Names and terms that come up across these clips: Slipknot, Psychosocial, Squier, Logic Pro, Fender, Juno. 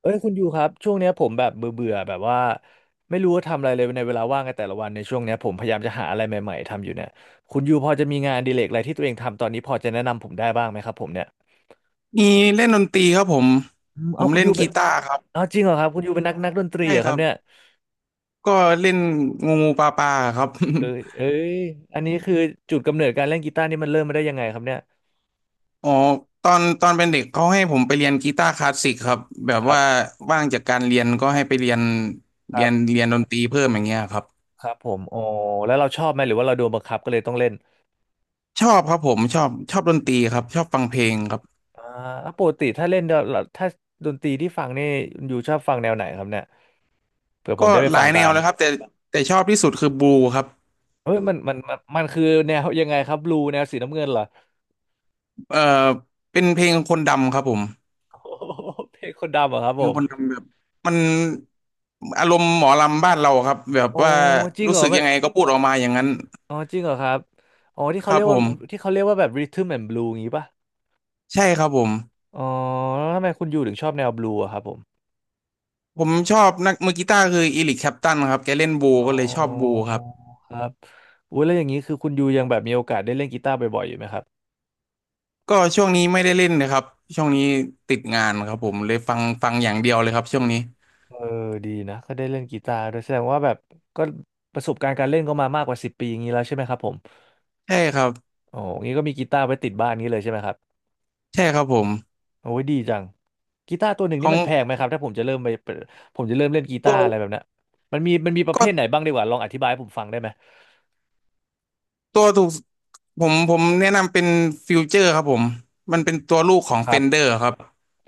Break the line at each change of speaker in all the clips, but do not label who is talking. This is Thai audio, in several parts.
เอ้ยคุณยูครับช่วงเนี้ยผมแบบเบื่อเบื่อแบบว่าไม่รู้ว่าทำอะไรเลยในเวลาว่างในแต่ละวันในช่วงเนี้ยผมพยายามจะหาอะไรใหม่ๆทำอยู่เนี่ยคุณยูพอจะมีงานอดีเลกอะไรที่ตัวเองทำตอนนี้พอจะแนะนำผมได้บ้างไหมครับผมเนี่ย
มีเล่นดนตรีครับผม
อืม
ผ
เอา
ม
คุณ
เล่น
ยูเป็
กี
น
ตาร์ครับ
เอาจริงเหรอครับคุณยูเป็นนักดนตรี
ใช่
เหรอ
ค
ครั
รั
บ
บ
เนี่ย
ก็เล่นงูงูปลาปลาครับ
เอ้ยเอ้ยอันนี้คือจุดกำเนิดการเล่นกีตาร์นี่มันเริ่มมาได้ยังไงครับเนี่ย
อ๋อตอนเป็นเด็กเขาให้ผมไปเรียนกีตาร์คลาสสิกครับแบ
ค
บ
รั
ว่า
บ
ว่างจากการเรียนก็ให้ไปเรียน
ครับ
ดนตรีเพิ่มอย่างเงี้ยครับ
ครับผมอ๋อแล้วเราชอบไหมหรือว่าเราโดนบังคับก็เลยต้องเล่น
ชอบครับผมชอบดนตรีครับชอบฟังเพลงครับ
อ่าแล้วปกติถ้าเล่นเดี๋ยวเราถ้าดนตรีที่ฟังนี่คุณยูชอบฟังแนวไหนครับเนี่ยเผื่อผ
ก็
มได้ไป
หลา
ฟั
ย
ง
แน
ตา
ว
ม
เลยครับแต่ชอบที่สุดคือบูครับ
เฮ้ยมันคือแนวยังไงครับบลูแนวสีน้ำเงินเหรอ
เอ่อเป็นเพลงคนดำครับผม
โอ้โหเพลงคนดำเหรอครับผ
ยังคน
ม
ทำแบบมันอารมณ์หมอลำบ้านเราครับแบบ
อ๋อ
ว่า
จริง
รู้
เหรอ
สึก
มั
ยั
น
งไงก็พูดออกมาอย่างนั้น
อ๋อจริงเหรอครับอ๋อที่
ค
เขา
รั
เรี
บ
ยก
ผ
ว่า
ม
ที่เขาเรียกว่าแบบร h ท t ม m a น d ์ l u e อย่างงี้ป่ะ
ใช่ครับผม
อ๋อแล้วทำไมคุณยูถึงชอบแนวบลูอะครับผม
ผมชอบนักมือกีตาร์คืออีริกแคลปตันครับแกเล่นบู
อ๋
ก็เลย
อ
ชอบบูครับ
ครับอุ้ยแล้วอย่างนี้คือคุณยูยังแบบมีโอกาสได้เล่นกีตาร์บ่อยๆอยู่ไหมครับ
ก็ช่วงนี้ไม่ได้เล่นนะครับช่วงนี้ติดงานครับผมเลยฟังอย่างเดียวเลยครับช่วงนี้
เออดีนะก็ได้เล่นกีตาร์ด้วยแสดงว่าแบบก็ประสบการณ์การเล่นก็มามากกว่าสิบปีอย่างนี้แล้วใช่ไหมครับผม
ใช่ครับ
โอ้งี้ก็มีกีตาร์ไว้ติดบ้านนี้เลยใช่ไหมครับ
ใช่ครับผม
โอ้ยดีจังกีตาร์ตัวหนึ่ง
ข
นี่
อง
มันแพงไหมครับถ้าผมจะเริ่มไปเปิดผมจะเริ่มเล่นกี
ตั
ตา
ว
ร์อะไรแบบเนี้ยมันมีประเภ
ก็
ทไหนบ้างดีกว่าลองอธิบายให้ผมฟังได้ไหม
ตัวถูกผมแนะนำเป็นฟิวเจอร์ครับผมมันเป็นตัวลูกของ
ค
เฟ
รั
นเดอ
บ
ร์ครับ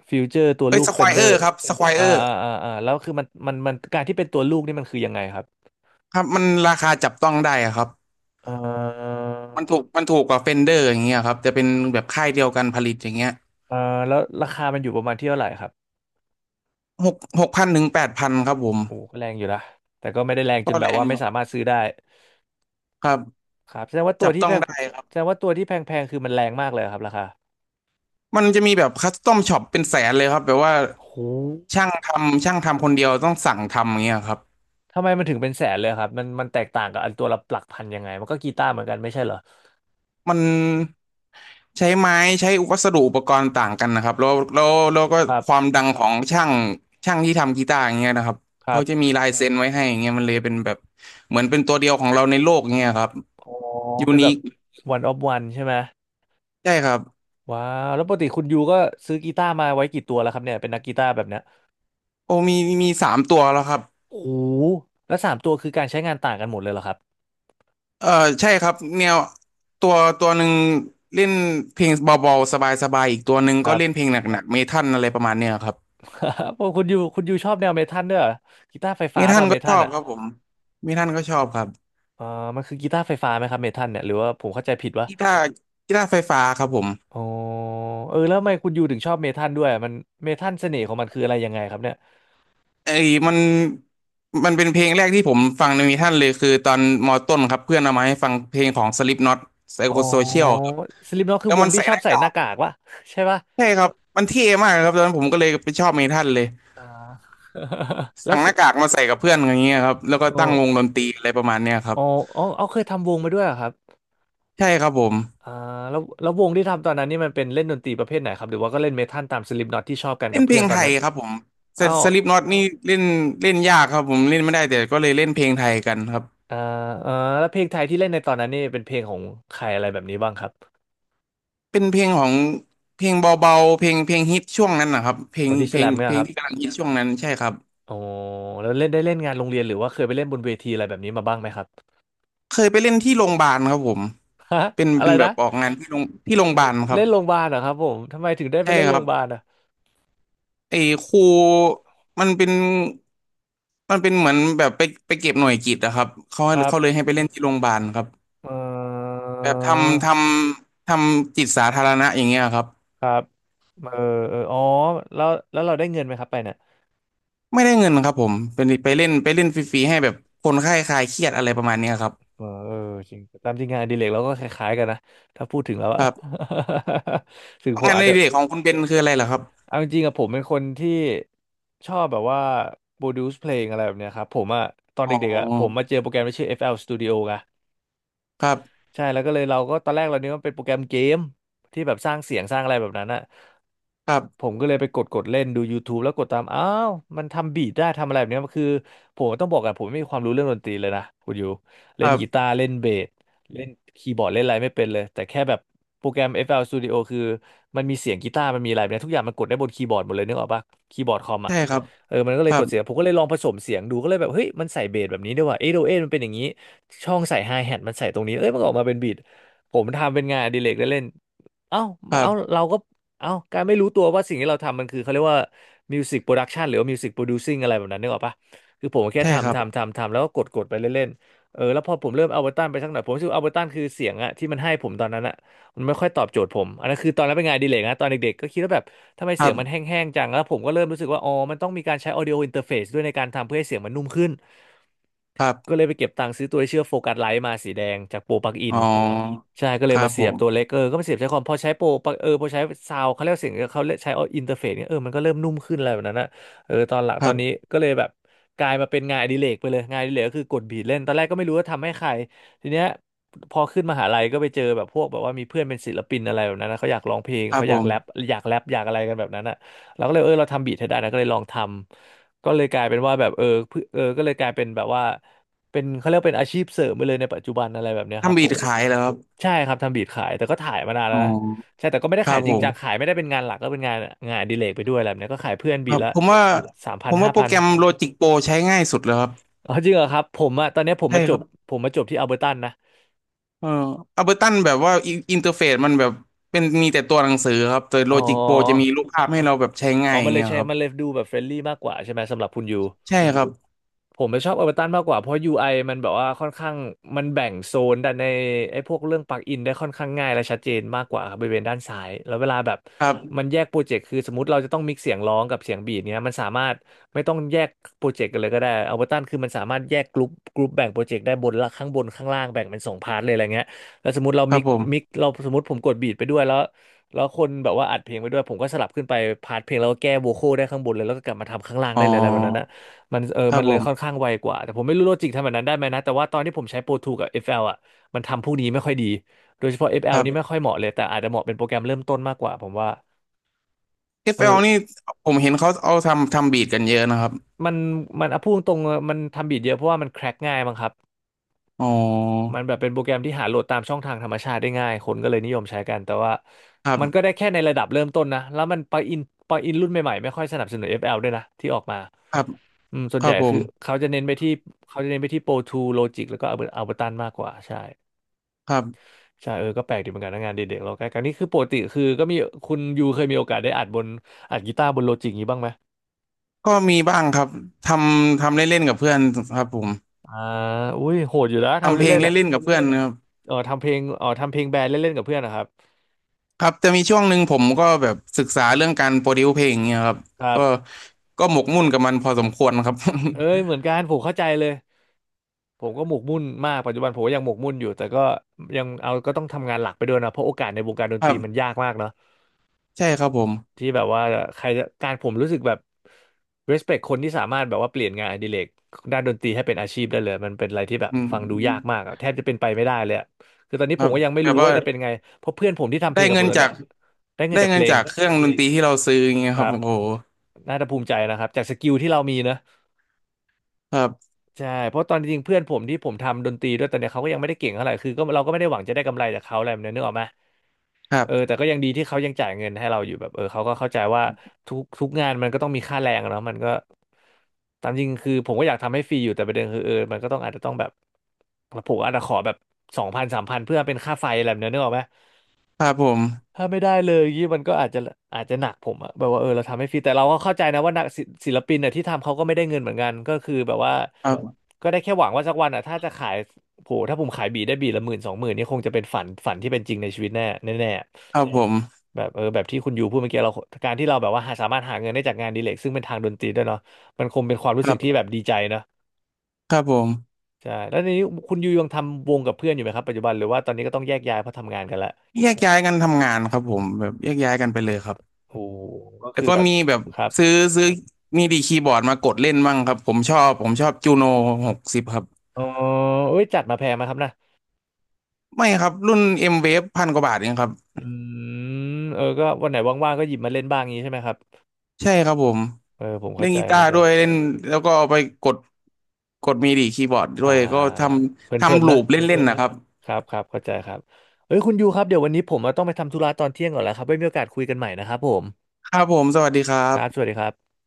ฟิวเจอร์ตัว
เอ้
ลู
ย
ก
สค
เฟ
วอ
นเดอ
เออ
ร์
ร์ครับสควอเอ
อ่า
อร์
อ่าอ่าอ่าแล้วคือมันการที่เป็นตัวลูกนี่มันคือยังไงครับ
ครับมันราคาจับต้องได้อะครับ
เอ่อ
มันถูกกว่าเฟนเดอร์อย่างเงี้ยครับจะเป็นแบบค่ายเดียวกันผลิตอย่างเงี้ย
เอ่อแล้วราคามันอยู่ประมาณที่เท่าไหร่ครับ
6,000-8,000ครับผม
โอ้ก็แรงอยู่นะแต่ก็ไม่ได้แรงจ
ก็
นแบ
แร
บ
ง
ว่า
อ
ไม่
ยู่ค
สา
รับ
มารถซื้อได้
ครับ
ครับ
จับต้องได้ครั
แส
บ
ดงว่าตัวที่แพงๆคือมันแรงมากเลยเหรอครับราคา
มันจะมีแบบคัสตอมช็อปเป็นแสนเลยครับแบบว่า
โห
ช่างทำคนเดียวต้องสั่งทำอย่างเงี้ยครับ
ทำไมมันถึงเป็นแสนเลยครับมันแตกต่างกับอันตัวละหลักพันยังไงมันก็กีตาร์เหมือนกันไม่ใช่เหรอ
มัน ใช้ไม้ใช้วัสดุอุปกรณ์ต่างกันนะครับแล้วก็
ครับ
ความดังของช่างที่ทำกีตาร์อย่างเงี้ยนะครับ
ครั
เขาจะมี
บ
ลายเซ็นไว้ให้อย่างเงี้ยมันเลยเป็นแบบเหมือนเป็นตัวเดียวของเราในโลกเงี้ยครับ
อ๋อ
ยู
เป็น
นิ
แบบ
ค
one of one ใช่ไหม
ใช่ครับ
ว้าวแล้วปกติคุณยูก็ซื้อกีตาร์มาไว้กี่ตัวแล้วครับเนี่ยเป็นนักกีตาร์แบบเนี้ย
โอ้มีสามตัวแล้วครับ
โอ้โหแล้วสามตัวคือการใช้งานต่างกันหมดเลยเหรอครับ
เออใช่ครับแนวตัวตัวหนึ่งเล่นเพลงเบาๆสบายๆอีกตัวหนึ่ง
ค
ก็
รับ
เล่นเพลงหนักๆเมทัลอะไรประมาณเนี้ยครับ
โอ้คุณยูชอบแนวเมทัลด้วยเหรอกีตาร์ไฟ
เม
ฟ้า
ทัล
ป่ะเม
ก็ช
ทัล
อบ
อ่ะ
ครับผมเมทัลก็ชอบครับ
เออมันคือกีตาร์ไฟฟ้าไหมครับเมทัลเนี่ยหรือว่าผมเข้าใจผิดวะ
กีตาร์กีตาร์ไฟฟ้าครับผม
อ๋อเออแล้วทำไมคุณยูถึงชอบเมทัลด้วยมันเมทัลเสน่ห์ของมันคืออะไรยังไงครับเนี่ย
ไอ้มันมันเป็นเพลงแรกที่ผมฟังในมีท่านเลยคือตอนมอต้นครับเพื่อนเอามาให้ฟังเพลงของ Slipknot
อ๋อ
Psychosocial ครับ
สลิปน็อตคื
แล้
อ
ว
ว
มั
ง
น
ที่
ใส่
ชอ
ห
บ
น้า
ใส่ห
กา
น้า
ก
กากวะ ใช่ปะ
ใช่ครับมันเท่มากครับตอนนั้นผมก็เลยไปชอบมีท่านเลย
อ่า แล้ว
สั่ง
ส
หน้ากากมาใส่กับเพื่อนอย่างเงี้ยครับแล้วก็ตั้งว
โอ
งดนตรีอะไรประมาณเนี้ยครั
อ๋
บ
ออ๋อเอาเคยทำวงมาด้วยเหรอครับ
ใช่ครับผม
อ่าแล้ววงที่ทำตอนนั้นนี่มันเป็นเล่นดนตรีประเภทไหนครับหรือว่าก็เล่นเมทัลตามสลิปน็อตที่ชอบกัน
เล่
กับ
นเพ
เพื่
ล
อน
ง
ตอ
ไท
น
ย
นั้น
ครับผม
เอ้า
สลิปน็อตนี่เล่นเล่นยากครับผมเล่นไม่ได้แต่ก็เลยเล่นเพลงไทยกันครับ
อ่าอ่าแล้วเพลงไทยที่เล่นในตอนนั้นนี่เป็นเพลงของใครอะไรแบบนี้บ้างครับ
เป็นเพลงของเพลงเบาๆเพลงฮิตช่วงนั้นนะครับเพล
บ
ง
อดี้
เพ
ส
ล
แล
ง
มเนี่
เพ
ย
ล
ค
ง
รับ
ที่กำลังฮิตช่วงนั้นใช่ครับ
อ๋อแล้วเล่นได้เล่นงานโรงเรียนหรือว่าเคยไปเล่นบนเวทีอะไรแบบนี้มาบ้างไหมครับ
เคยไปเล่นที่โรงพยาบาลครับผม
ฮะ
เป็น
อะ
เป็
ไร
นแบ
นะ
บออกงานที่โรงพยาบาลครั
เล่
บ
นโรงพยาบาลเหรอครับผมทำไมถึงได้ไป
ใช่
เล่น
ค
โร
รั
ง
บ
พยาบาลอะ
ไอ้ครูมันเป็นมันเป็นเหมือนแบบไปเก็บหน่วยกิตอะครับเขา
ครับ
เขาเลยให้ไปเล่นที่โรงพยาบาลครับ
เออ
แบบทำจิตสาธารณะอย่างเงี้ยครับ
ครับเออเอออ๋อแล้วเราได้เงินไหมครับไปเนี่ย
ไม่ได้เงินครับผมเป็นไปเล่นฟรีๆให้แบบคนไข้คลายเครียดอะไรประมาณเนี้ยครับ
เออเออจริงตามจริงงานอดิเรกเราก็คล้ายๆกันนะถ้าพูดถึงแล้ว
ค
อะ
รับ
ถึงผม
งาน
อาจ
ใน
จะ
เด็กของคุณเบนคืออะไรเหรอครับ
เอาจริงๆอะผมเป็นคนที่ชอบแบบว่า produce เพลงอะไรแบบเนี้ยครับผมอะตอน
อ๋
เด็กๆอะผม
อ
มาเจอโปรแกรมที่ชื่อ FL Studio ไง
ครับ
ใช่แล้วก็เลยเราก็ตอนแรกเรานึกว่าเป็นโปรแกรมเกมที่แบบสร้างเสียงสร้างอะไรแบบนั้นอะ
ครั
ผ
บ
มก็เลยไปกดเล่นดู YouTube แล้วกดตามอ้าวมันทำบีทได้ทำอะไรแบบเนี้ยคือผมต้องบอกกันผมไม่มีความรู้เรื่องดนตรีเลยนะคุณอยู่
ค
เล่น
รั
กี
บ
ตาร์เล่นเบสเล่นคีย์บอร์ดเล่นอะไรไม่เป็นเลยแต่แค่แบบโปรแกรม FL Studio คือมันมีเสียงกีตาร์มันมีอะไรแบบเนี้ยทุกอย่างมันกดได้บนคีย์บอร์ดหมดเลยนึกออกปะคีย์บอร์ดคอมอะ
ใช่ครับ
เออมันก็เล
ค
ย
รั
ก
บ
ดเสียงผมก็เลยลองผสมเสียงดูก็เลยแบบเฮ้ยมันใส่เบสแบบนี้ด้วยว่ะเอโดเอมันเป็นอย่างนี้ ช่องใส่ไฮแฮทมันใส่ตรงนี้ เอ้ยมันก็ออกมาเป็นบีทผมทำเป็นงานอดิเรกเล่นๆเอ้า
ครั
เอ้า
บ
เราก็เอ้าการไม่รู้ตัวว่าสิ่งที่เราทำมันคือเขาเรียกว่ามิวสิกโปรดักชันหรือว่ามิวสิกโปรดิวซิ่งอะไรแบบนั้นนึกออกปะคือผมแค่
ใช่ครั
ทำ
บ
ทำทำทำแล้วก็กดไปเล่นๆเออแล้วพอผมเริ่มเอาเบอร์ตันไปสักหน่อยผมรู้สึกเอาเบอร์ตันคือเสียงอะที่มันให้ผมตอนนั้นอะมันไม่ค่อยตอบโจทย์ผมอันนั้นคือตอนนั้นเป็นงานอดีเลยนะตอนเด็กๆก็คิดว่าแบบทำไม
ค
เสี
รั
ยงมันแห
บ
้งๆจังแล้วผมก็เริ่มรู้สึกว่าอ๋อมันต้องมีการใช้ audio interface ด้วยในการทำเพื่อให้เสียงมันนุ่มขึ้น
ครั
ก็
บ
เลยไปเก็บตังค์ซื้อตัวที่ชื่อมโฟกัสไลท์มาสีแดงจากโปรปลั๊กอิ
อ๋
น
อ
ใช่ก็เล
ค
ย
รับ
มา
ผ
เสียบตัว
ม
เล็กเออก็มาเสียบใช้คอมพอใช้โปรปลั๊กเออพอใช้ซาวด์เขาเรียกเสียงเขาเรียกใช้อินเทอร์เฟซเนี่ยเออมันก็เริ่มนุ่มขึ้นอะไรแบบนั้นนะเออตอนหลัง
ค
ตอ
รั
นนี้
บ
ก็เลยแบบกลายมาเป็นงานอดิเรกไปเลยงานอดิเรกก็คือกดบีทเล่นตอนแรกก็ไม่รู้ว่าทำให้ใครทีเนี้ยพอขึ้นมหาลัยก็ไปเจอแบบพวกแบบว่ามีเพื่อนเป็นศิลปินอะไรแบบนั้นนะเขาอยากร้องเพลง
ครับ
เขาอ
ผ
ยาก
ม
แรปอยากแรปอยากอะไรกันแบบนั้นอ่ะเราก็เลยเออเราทำบีทให้ได้นะก็เลยลองทำก็เลยกลายเป็นว่าแบบเออก็เลยกลายเป็นแบบว่า เป็นเขาเรียก่เป็นอาชีพเสริมไปเลยในปัจจุบันอะไรแบบเนี้ยครับ
ทำบี
ผ
ด
ม
ขายเหรอครับ
ใช่ครับทำบีทขายแต่ก็ถ่ายมานาน
อ๋
แล้
อ
วนะใช่แต่ก็ไม่ได้
ครั
ขาย
บ
จ
ผ
ริงจัง
ม
ขายไม่ได้เป็นงานหลักก็เป็นงานอดิเลกไปด้วยอะไรแบบเนี้ยก็ขายเพื่อน
ค
บี
รั
ท
บ
ละ
ผมว่า
สามพั
ผ
น
ม
ห้า
ว่าโปร
พัน
แกรม Logic Pro ใช้ง่ายสุดแล้วครับ
อ๋อจริงเหรอครับผมอะตอนเนี้ยผม
ใช่
มาจ
ครั
บ
บ
ผมมาจบที่อัลเบอร์ตันนะ
เอออัลเบอร์ตันแบบว่าอินเทอร์เฟซมันแบบเป็นมีแต่ตัวหนังสือครับแต่
อ๋
Logic Pro จะมี
อ
รูปภาพให้เราแบบใช้ง่า
อ๋อ
ยอ
มั
ย่า
น
ง
เล
เงี้
ย
ย
ใช้
ครับ
มันเลยดูแบบเฟรนลี่มากกว่าใช่ไหมสำหรับคุณยู
ใช่ครับ
ผมไปชอบเอเวอร์ตันมากกว่าเพราะ UI มันแบบว่าค่อนข้างมันแบ่งโซนด้านในไอ้พวกเรื่องปลั๊กอินได้ค่อนข้างง่ายและชัดเจนมากกว่าครับบริเวณด้านซ้ายแล้วเวลาแบบ
ครับ
มันแยกโปรเจกต์คือสมมติเราจะต้องมิกซ์เสียงร้องกับเสียงบีทเนี้ยมันสามารถไม่ต้องแยกโปรเจกต์กันเลยก็ได้เอเวอร์ตันคือมันสามารถแยกกลุ่มแบ่งโปรเจกต์ได้บนละข้างบนข้างล่างแบ่งเป็นสองพาร์ทเลยอะไรเงี้ยแล้วสมมติเรา
ค
มิ
รับ
ก
ผ
มิก
ม
เราสมมติผมกดบีทไปด้วยแล้วแล้วคนแบบว่าอัดเพลงไปด้วยผมก็สลับขึ้นไปพาร์ทเพลงแล้วก็แก้โวคอลได้ข้างบนเลยแล้วก็กลับมาทำข้างล่าง
อ๋อ
ได้เลยอะไรแบบนั้นนะ
ครั
มั
บ
น
ผ
เลยค่อน
ม
ข้างไวกว่า แต่ผมไม่รู้โลจิกทำแบบนั้นได้ไหมนะแต่ว่าตอนที่ผมใช้ Pro 2กับ FL อฟแอลอ่ะมันทำพวกนี้ไม่ค่อยดี โดยเฉพาะ
ค
FL
รั
นี่ไม่
บ
ค่อยเหมาะเลย แต่อาจจะเหมาะเป็นโปรแกรมเริ่มต้นมากกว่าผมว่า
เอ l นี่
เออ
ผมเห็นเขาเอาทำบีทกันเยอะนะครับ
มันมันพูดตรงๆมันทำบีทเยอะเพราะว่ามันแคร็กง่ายมั้งครับ
อ๋อ
มันแบบเป็นโปรแกรมที่หาโหลดตามช่องทางธรรมชาติได้ง่ายคนก็เลยนิยมใช้กันแต่ว่า
ครั
มันก็ได้
บ
แค่ในระดับเริ่มต้นนะแล้วมันปลั๊กอินรุ่นใหม่ๆไม่ค่อยสนับสนุนเอฟแอลด้วยนะที่ออกมา
ครับ
อืมส่ว
ค
นให
รั
ญ่
บผ
คื
ม
อเขาจะเน้นไปที่เขาจะเน้นไปที่ Pro ทู Logic แล้วก็ Ableton มากกว่าใช่
ครับ
ใช่ก็แปลกดีเหมือนกันนะงานเด็กๆเราใกล้กันนี่คือปกติคือก็มีคุณยูเคยมีโอกาสได้อัดกีตาร์บนโลจิกนี้บ้างไหม
ก็มีบ้างครับททำเล่นๆกับเพื่อนครับผม
อ่าอุ้ยโหดอยู่แล้วทำ
ทำเพอืลง
เล่
ม
นๆอ่ะ
เล่นๆกับเพื่อนครับ
ทำเพลงแบนด์เล่นๆกับเพื่อนนะครับ
ครับจะมีช่วงหนึ่งผมก็แบบศึกษาเรื่องการโปรดิวเพลงเนี่ยครับ
ครั
ก็
บ
ก็หมกมุ่นกับมันพอสมควรครับ
เอ้ยเหมือนกันผมเข้าใจเลยผมก็หมกมุ่นมากปัจจุบันผมก็ยังหมกมุ่นอยู่แต่ก็ยังเอาก็ต้องทำงานหลักไปด้วยนะเพราะโอกาสในวงการด น
ค
ต
รั
รีมัน
บ
ยากมากเนอะ
ใช่ครับผม
ที่แบบว่าใครจะการผมรู้สึกแบบ respect คนที่สามารถแบบว่าเปลี่ยนงานอดิเรกด้านดนตรีให้เป็นอาชีพได้เลยมันเป็นอะไรที่แบบ
อื
ฟังดูยาก
ม
มากอะแทบจะเป็นไปไม่ได้เลยอะคือตอนนี้
ค
ผ
รั
ม
บ
ก็ยังไม่
แบ
รู้
บว่า
ว่าจะเป็นไงเพราะเพื่อนผมที่ทำเพ
ได้
ลงกับผ
เงิน
มตอน
จา
เนี้
ก
ยได้เงิน
ได้
จากเพ
เงิน
ลง
จากเครื่องดนตรีที่เราซื้ออย่างเงี้
ค
ยค
รั
รับ
บ
โอ้โห
น่าจะภูมิใจนะครับจากสกิลที่เรามีนะ
ครับ
ใช่เพราะตอนจริงๆเพื่อนผมที่ผมทำดนตรีด้วยตอนเนี้ยเขาก็ยังไม่ได้เก่งเท่าไหร่คือก็เราก็ไม่ได้หวังจะได้กำไรจากเขาอะไรแบบนี้นึกออกไหม
ครับ
แต่ก็ยังดีที่เขายังจ่ายเงินให้เราอยู่แบบเขาก็เข้าใจว่าทุกงานมันก็ต้องมีค่าแรงอะเนาะมันก็ตามจริงคือผมก็อยากทำให้ฟรีอยู่แต่ประเด็นคือมันก็ต้องอาจจะต้องแบบผมอาจจะขอแบบ2000-3000เพื่อเป็นค่าไฟอะไรแบบนี้นึกออกไหม
ครับผม
ถ้าไม่ได้เลยยี่มันก็อาจจะอาจจะหนักผมอะแบบว่าเราทำให้ฟรีแต่เราก็เข้าใจนะว่านักศิศิลปินเนี่ยที่ทำเขาก็ไม่ได้เงินเหมือนกันก็คือแบบว่า
ครับ
ก็ได้แค่หวังว่าสักวันอะถ้าจะขายโหถ้าผมขายบีทได้บีทละหมื่นสองหมื่นนี่คงจะเป็นฝันที่เป็นจริงในชีวิตแน่
ครับผม
แบบแบบที่คุณยูพูดเมื่อกี้เราการที่เราแบบว่าสามารถหาเงินได้จากงานอดีเลกซึ่งเป็นทางดนตรีด้วยเนาะมันคงเป็นความรู้
ค
สึ
รั
กที่แบบ
บ
ดีใจเนอะ
ครับผม
ใช่แล้วนนี้คุณยูยังทำวงกับเพื่อนอยู่ไหมครับปัจจุบันหรือว่าตอนนี้ก็ต้องแยกย้ายเพราะทำงานกันละ
แยกย้ายกันทำงานครับผมแบบแยกย้ายกันไปเลยครับ
โอ้โหก็
แล้
คื
ว
อ
ก็
แบบ
มีแบบ
ครับ
ซื้อซื้อมีดีคีย์บอร์ดมากดเล่นบ้างครับผมชอบจูโน60ครับ
อ๋อเอ้ยจัดมาแพงไหมาครับนะ
ไม่ครับรุ่น M-Wave พันกว่าบาทเองครับ
อืก็วันไหนว่างๆก็หยิบมาเล่นบ้างงี้ใช่ไหมครับ
ใช่ครับผม
ผม
เล่
เข้า
น
ใจ
กีตา
เข้า
ร์
ใจ
ด้วยเล่นแล้วก็เอาไปกดมีดีคีย์บอร์ดด้
อ่า
วยก็ทำ
เพลินๆ
ลู
นะ
ปเล่นๆนะครับ
ครับครับเข้าใจครับเอ้ยคุณยูครับเดี๋ยววันนี้ผมต้องไปทำธุระตอนเที่ยงก่อนแล้วครับไว้มีโอกาสคุยกันใหม่นะครับผม
ครับผมสวัสดีครั
ครับสวัส
บ
ดีครับ